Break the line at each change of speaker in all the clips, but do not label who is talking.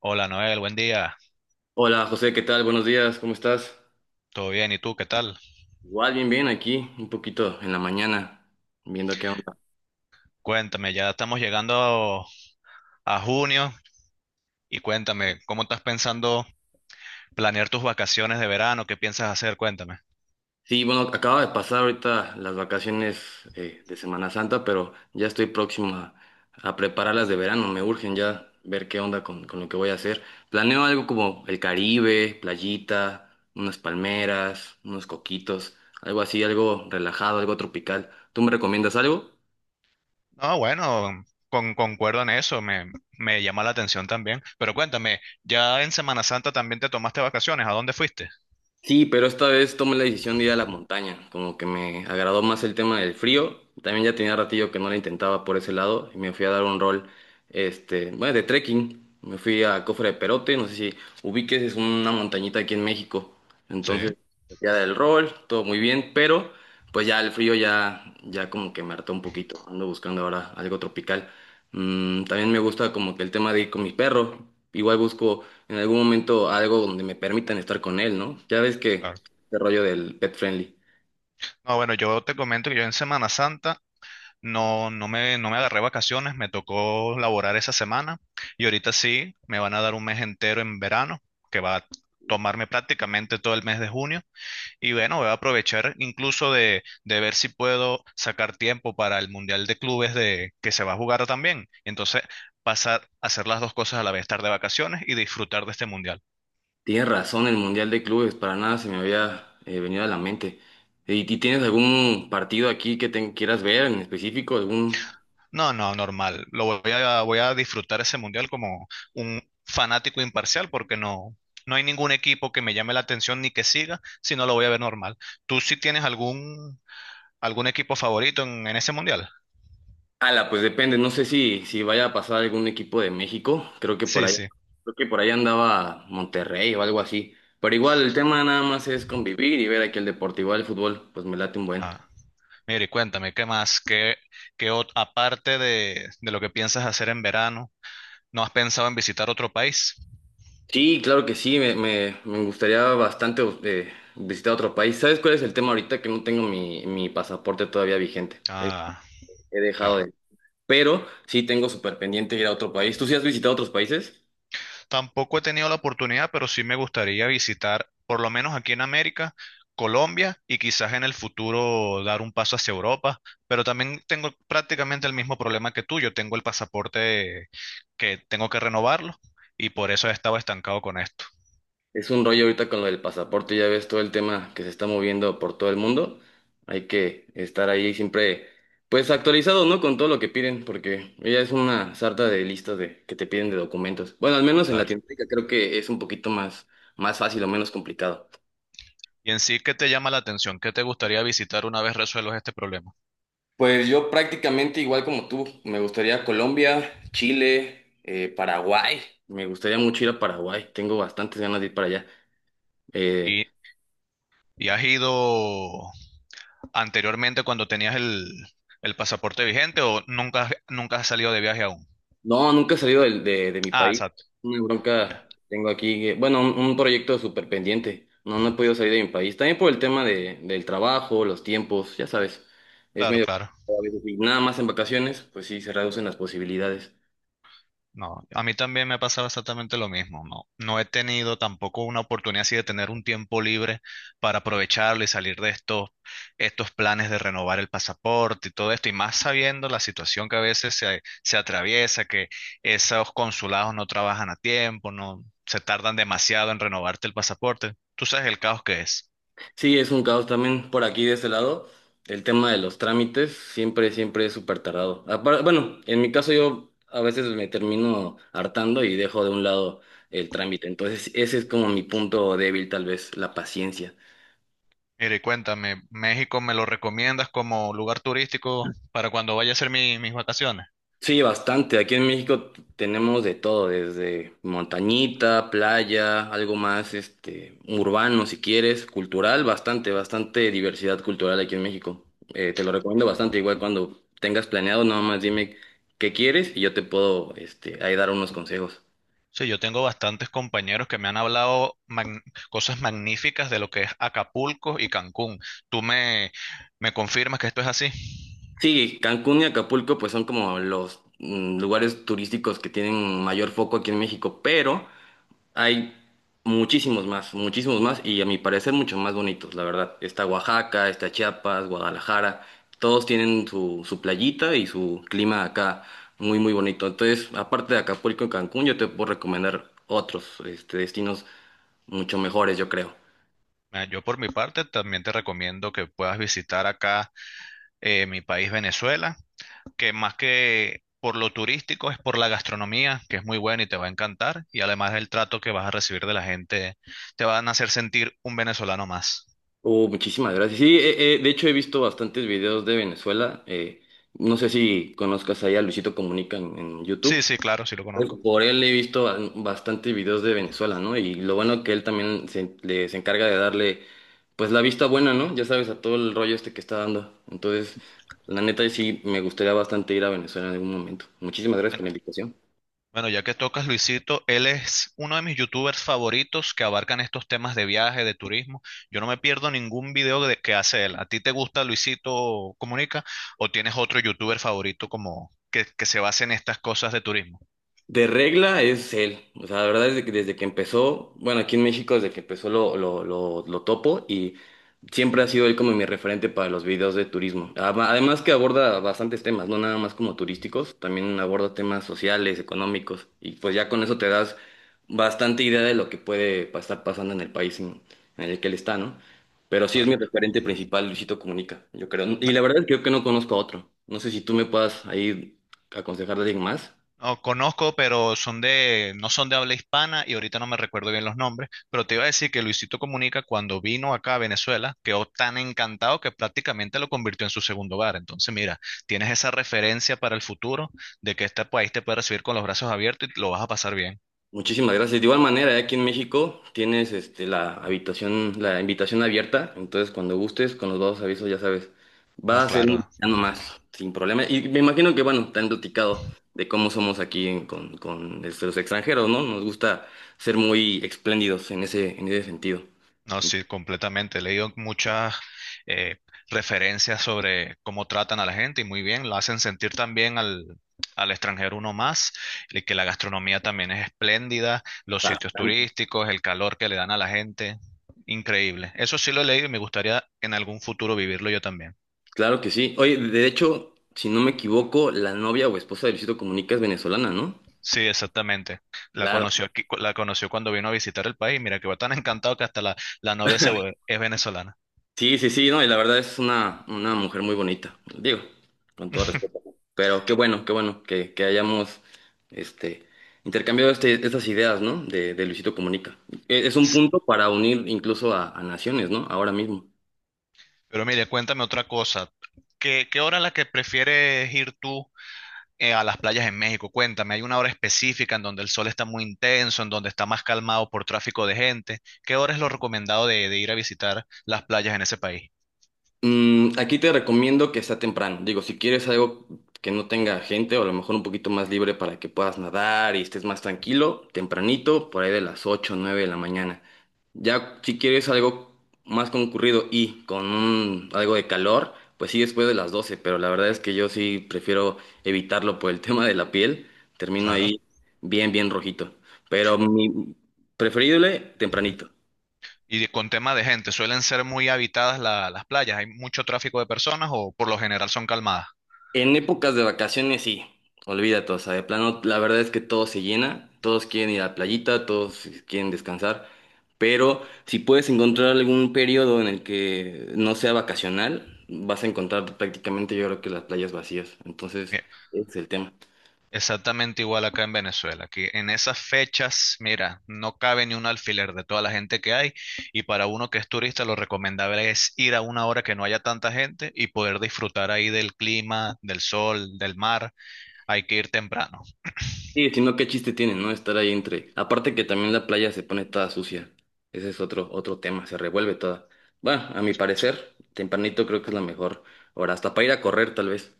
Hola Noel, buen día.
Hola José, ¿qué tal? Buenos días, ¿cómo estás?
¿Todo bien? ¿Y tú qué tal?
Igual, bien, bien, aquí, un poquito en la mañana, viendo qué onda.
Cuéntame, ya estamos llegando a junio y cuéntame, ¿cómo estás pensando planear tus vacaciones de verano? ¿Qué piensas hacer? Cuéntame.
Sí, bueno, acaba de pasar ahorita las vacaciones de Semana Santa, pero ya estoy próximo a prepararlas de verano, me urgen ya ver qué onda con lo que voy a hacer. Planeo algo como el Caribe, playita, unas palmeras, unos coquitos, algo así, algo relajado, algo tropical. ¿Tú me recomiendas algo?
No, bueno, concuerdo en eso, me llama la atención también. Pero cuéntame, ¿ya en Semana Santa también te tomaste vacaciones? ¿A dónde fuiste?
Sí, pero esta vez tomé la decisión de ir a la montaña, como que me agradó más el tema del frío, también ya tenía ratillo que no la intentaba por ese lado y me fui a dar un rol, este, bueno, de trekking, me fui a Cofre de Perote, no sé si ubiques, es una montañita aquí en México,
Sí,
entonces ya del rol, todo muy bien, pero pues ya el frío ya como que me hartó un poquito, ando buscando ahora algo tropical. También me gusta como que el tema de ir con mi perro, igual busco en algún momento algo donde me permitan estar con él, ¿no? Ya ves que
claro.
este rollo del pet friendly.
No, bueno, yo te comento que yo en Semana Santa. No, no me agarré vacaciones, me tocó laborar esa semana y ahorita sí, me van a dar un mes entero en verano, que va a tomarme prácticamente todo el mes de junio. Y bueno, voy a aprovechar incluso de, ver si puedo sacar tiempo para el Mundial de Clubes que se va a jugar también. Entonces, pasar a hacer las dos cosas a la vez, estar de vacaciones y disfrutar de este Mundial.
Tienes razón, el Mundial de Clubes, para nada se me había venido a la mente. ¿Y tienes algún partido aquí que te quieras ver en específico? ¿Algún?
No, no, normal. Lo voy a disfrutar ese mundial como un fanático imparcial porque no hay ningún equipo que me llame la atención ni que siga, sino lo voy a ver normal. ¿Tú sí tienes algún equipo favorito en ese mundial?
Ala, pues depende, no sé si vaya a pasar algún equipo de México,
Sí, sí.
creo que por ahí andaba Monterrey o algo así. Pero igual el tema nada más es convivir y ver aquí el deporte, igual el fútbol, pues me late un buen.
Ah, mire, cuéntame, ¿qué más? Aparte de, lo que piensas hacer en verano, no has pensado en visitar otro país?
Sí, claro que sí, me gustaría bastante visitar otro país. ¿Sabes cuál es el tema ahorita? Que no tengo mi pasaporte todavía vigente. Es-
Ah,
he dejado
claro.
de. Pero sí tengo súper pendiente ir a otro país. ¿Tú sí has visitado otros países?
Tampoco he tenido la oportunidad, pero sí me gustaría visitar, por lo menos aquí en América, Colombia, y quizás en el futuro dar un paso hacia Europa. Pero también tengo prácticamente el mismo problema que tú. Yo tengo el pasaporte que tengo que renovarlo y por eso he estado estancado con esto.
Es un rollo ahorita con lo del pasaporte, ya ves todo el tema que se está moviendo por todo el mundo. Hay que estar ahí siempre, pues actualizado, ¿no? Con todo lo que piden, porque ya es una sarta de listas de, que te piden de documentos. Bueno, al menos en
Claro.
Latinoamérica creo que es un poquito más fácil o menos complicado.
Y en sí, ¿qué te llama la atención? ¿Qué te gustaría visitar una vez resuelvas este problema?
Pues yo prácticamente igual como tú, me gustaría Colombia, Chile, Paraguay. Me gustaría mucho ir a Paraguay. Tengo bastantes ganas de ir para allá. Eh,
¿Y, y has ido anteriormente cuando tenías el pasaporte vigente, o nunca, nunca has salido de viaje aún?
no, nunca he salido de mi
Ah,
país.
exacto.
Una
Ya.
bronca tengo aquí. Bueno, un proyecto súper pendiente. No, no he podido salir de mi país. También por el tema del trabajo, los tiempos, ya sabes. Es
Claro,
medio,
claro.
a veces, y nada más en vacaciones, pues sí, se reducen las posibilidades.
No, a mí también me ha pasado exactamente lo mismo. No, no he tenido tampoco una oportunidad así de tener un tiempo libre para aprovecharlo y salir de estos, planes de renovar el pasaporte y todo esto. Y más sabiendo la situación que a veces se atraviesa, que esos consulados no trabajan a tiempo, no se tardan demasiado en renovarte el pasaporte. Tú sabes el caos que es.
Sí, es un caos también por aquí de ese lado. El tema de los trámites siempre, siempre es súper tardado. Bueno, en mi caso yo a veces me termino hartando y dejo de un lado el trámite. Entonces, ese es como mi punto débil, tal vez, la paciencia.
Mire, cuéntame, ¿México me lo recomiendas como lugar turístico para cuando vaya a hacer mis vacaciones?
Sí, bastante. Aquí en México tenemos de todo, desde montañita, playa, algo más, este, urbano si quieres, cultural, bastante, bastante diversidad cultural aquí en México. Te lo recomiendo bastante, igual cuando tengas planeado, nada más dime qué quieres y yo te puedo, este, ahí dar unos consejos.
Sí, yo tengo bastantes compañeros que me han hablado cosas magníficas de lo que es Acapulco y Cancún. ¿Tú me confirmas que esto es así?
Sí, Cancún y Acapulco pues son como los lugares turísticos que tienen mayor foco aquí en México, pero hay muchísimos más y a mi parecer mucho más bonitos, la verdad. Está Oaxaca, está Chiapas, Guadalajara, todos tienen su playita y su clima acá muy, muy bonito. Entonces, aparte de Acapulco y Cancún, yo te puedo recomendar otros este, destinos mucho mejores, yo creo.
Ah, yo por mi parte también te recomiendo que puedas visitar acá mi país, Venezuela, que más que por lo turístico es por la gastronomía, que es muy buena y te va a encantar, y además el trato que vas a recibir de la gente, te van a hacer sentir un venezolano más.
Oh, muchísimas gracias. Sí, de hecho he visto bastantes videos de Venezuela. No sé si conozcas ahí a Luisito Comunica en
Sí,
YouTube.
sí, claro, sí lo
Pues,
conozco.
por él he visto bastante videos de Venezuela, ¿no? Y lo bueno que él también se encarga de darle, pues, la vista buena, ¿no? Ya sabes, a todo el rollo este que está dando. Entonces, la neta, sí, me gustaría bastante ir a Venezuela en algún momento. Muchísimas gracias
Bueno,
por la invitación.
Bueno, ya que tocas Luisito, él es uno de mis youtubers favoritos que abarcan estos temas de viaje, de turismo. Yo no me pierdo ningún video que hace él. ¿A ti te gusta Luisito Comunica o tienes otro youtuber favorito como que, se base en estas cosas de turismo?
De regla es él, o sea, la verdad es de que desde que empezó, bueno, aquí en México desde que empezó lo topo y siempre ha sido él como mi referente para los videos de turismo. Además que aborda bastantes temas, no nada más como turísticos, también aborda temas sociales, económicos y pues ya con eso te das bastante idea de lo que puede estar pasando en el país en el que él está, ¿no? Pero sí es mi
Claro.
referente principal, Luisito Comunica, yo creo. Y la verdad es que yo que no conozco a otro. No sé si tú me puedas ahí aconsejar de alguien más.
No, conozco, pero son no son de habla hispana y ahorita no me recuerdo bien los nombres, pero te iba a decir que Luisito Comunica cuando vino acá a Venezuela quedó tan encantado que prácticamente lo convirtió en su segundo hogar. Entonces, mira, tienes esa referencia para el futuro de que este país te puede recibir con los brazos abiertos y lo vas a pasar bien.
Muchísimas gracias. De igual manera, aquí en México tienes este, la invitación abierta. Entonces, cuando gustes, con los dos avisos, ya sabes,
No,
va a ser un
claro.
mexicano más, sin problema. Y me imagino que, bueno, te han platicado de cómo somos aquí con, este, los extranjeros, ¿no? Nos gusta ser muy espléndidos en ese sentido.
No,
Bastante.
sí, completamente. He leído muchas eh, referencias sobre cómo tratan a la gente, y muy bien, lo hacen sentir también al extranjero uno más, y que la gastronomía también es espléndida, los
Claro,
sitios turísticos, el calor que le dan a la gente, increíble. Eso sí lo he leído y me gustaría en algún futuro vivirlo yo también.
claro que sí. Oye, de hecho, si no me equivoco, la novia o esposa de Luisito Comunica es venezolana, ¿no?
Sí, exactamente. La
Claro.
conoció aquí, la conoció cuando vino a visitar el país. Mira que va tan encantado que hasta la novia es venezolana.
Sí, sí, sí, no, y la verdad es una mujer muy bonita, digo, con todo respeto. Pero qué bueno que hayamos este, intercambiado este, estas ideas, ¿no? De Luisito Comunica. Es un punto para unir incluso a naciones, ¿no? Ahora mismo.
Pero mire, cuéntame otra cosa. ¿Qué hora es la que prefieres ir tú a las playas en México? Cuéntame, ¿hay una hora específica en donde el sol está muy intenso, en donde está más calmado por tráfico de gente? ¿Qué hora es lo recomendado de, ir a visitar las playas en ese país?
Aquí te recomiendo que sea temprano. Digo, si quieres algo que no tenga gente o a lo mejor un poquito más libre para que puedas nadar y estés más tranquilo, tempranito, por ahí de las 8, o 9 de la mañana. Ya si quieres algo más concurrido y con algo de calor, pues sí después de las 12. Pero la verdad es que yo sí prefiero evitarlo por el tema de la piel. Termino
Claro.
ahí bien, bien rojito. Pero mi preferible, tempranito.
Y con tema de gente, ¿suelen ser muy habitadas las playas? ¿Hay mucho tráfico de personas o por lo general son calmadas?
En épocas de vacaciones, sí, olvídate, o sea, de plano, la verdad es que todo se llena, todos quieren ir a la playita, todos quieren descansar, pero si puedes encontrar algún periodo en el que no sea vacacional, vas a encontrar prácticamente yo creo que las playas vacías, entonces ese es el tema.
Exactamente igual acá en Venezuela, que en esas fechas, mira, no cabe ni un alfiler de toda la gente que hay, y para uno que es turista lo recomendable es ir a una hora que no haya tanta gente y poder disfrutar ahí del clima, del sol, del mar. Hay que ir temprano.
Sí, si no, qué chiste tiene, ¿no? Estar ahí entre. Aparte que también la playa se pone toda sucia, ese es otro tema, se revuelve toda. Bueno, a mi parecer, tempranito creo que es la mejor hora, hasta para ir a correr tal vez.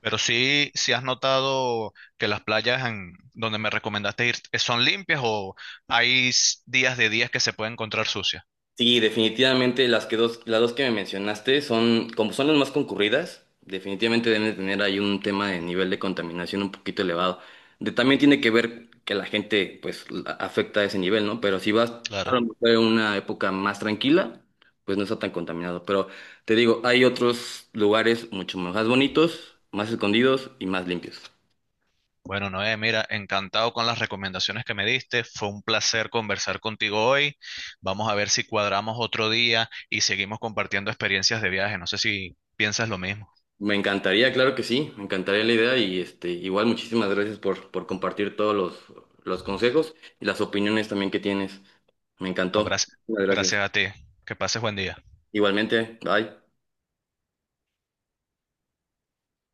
Pero sí, si has notado que las playas en donde me recomendaste ir son limpias o hay días de días que se puede encontrar sucias.
Sí, definitivamente las dos que me mencionaste son, como son las más concurridas, definitivamente deben de tener ahí un tema de nivel de contaminación un poquito elevado. También tiene que ver que la gente pues afecta a ese nivel, ¿no? Pero si vas a lo
Claro.
mejor en una época más tranquila, pues no está tan contaminado. Pero te digo, hay otros lugares mucho más bonitos, más escondidos y más limpios.
Bueno, Noé, mira, encantado con las recomendaciones que me diste. Fue un placer conversar contigo hoy. Vamos a ver si cuadramos otro día y seguimos compartiendo experiencias de viaje. No sé si piensas lo mismo.
Me encantaría, claro que sí, me encantaría la idea y este, igual muchísimas gracias por compartir todos los consejos y las opiniones también que tienes. Me
No,
encantó.
gracias.
Muchas gracias.
Gracias a ti. Que pases buen día.
Igualmente, bye.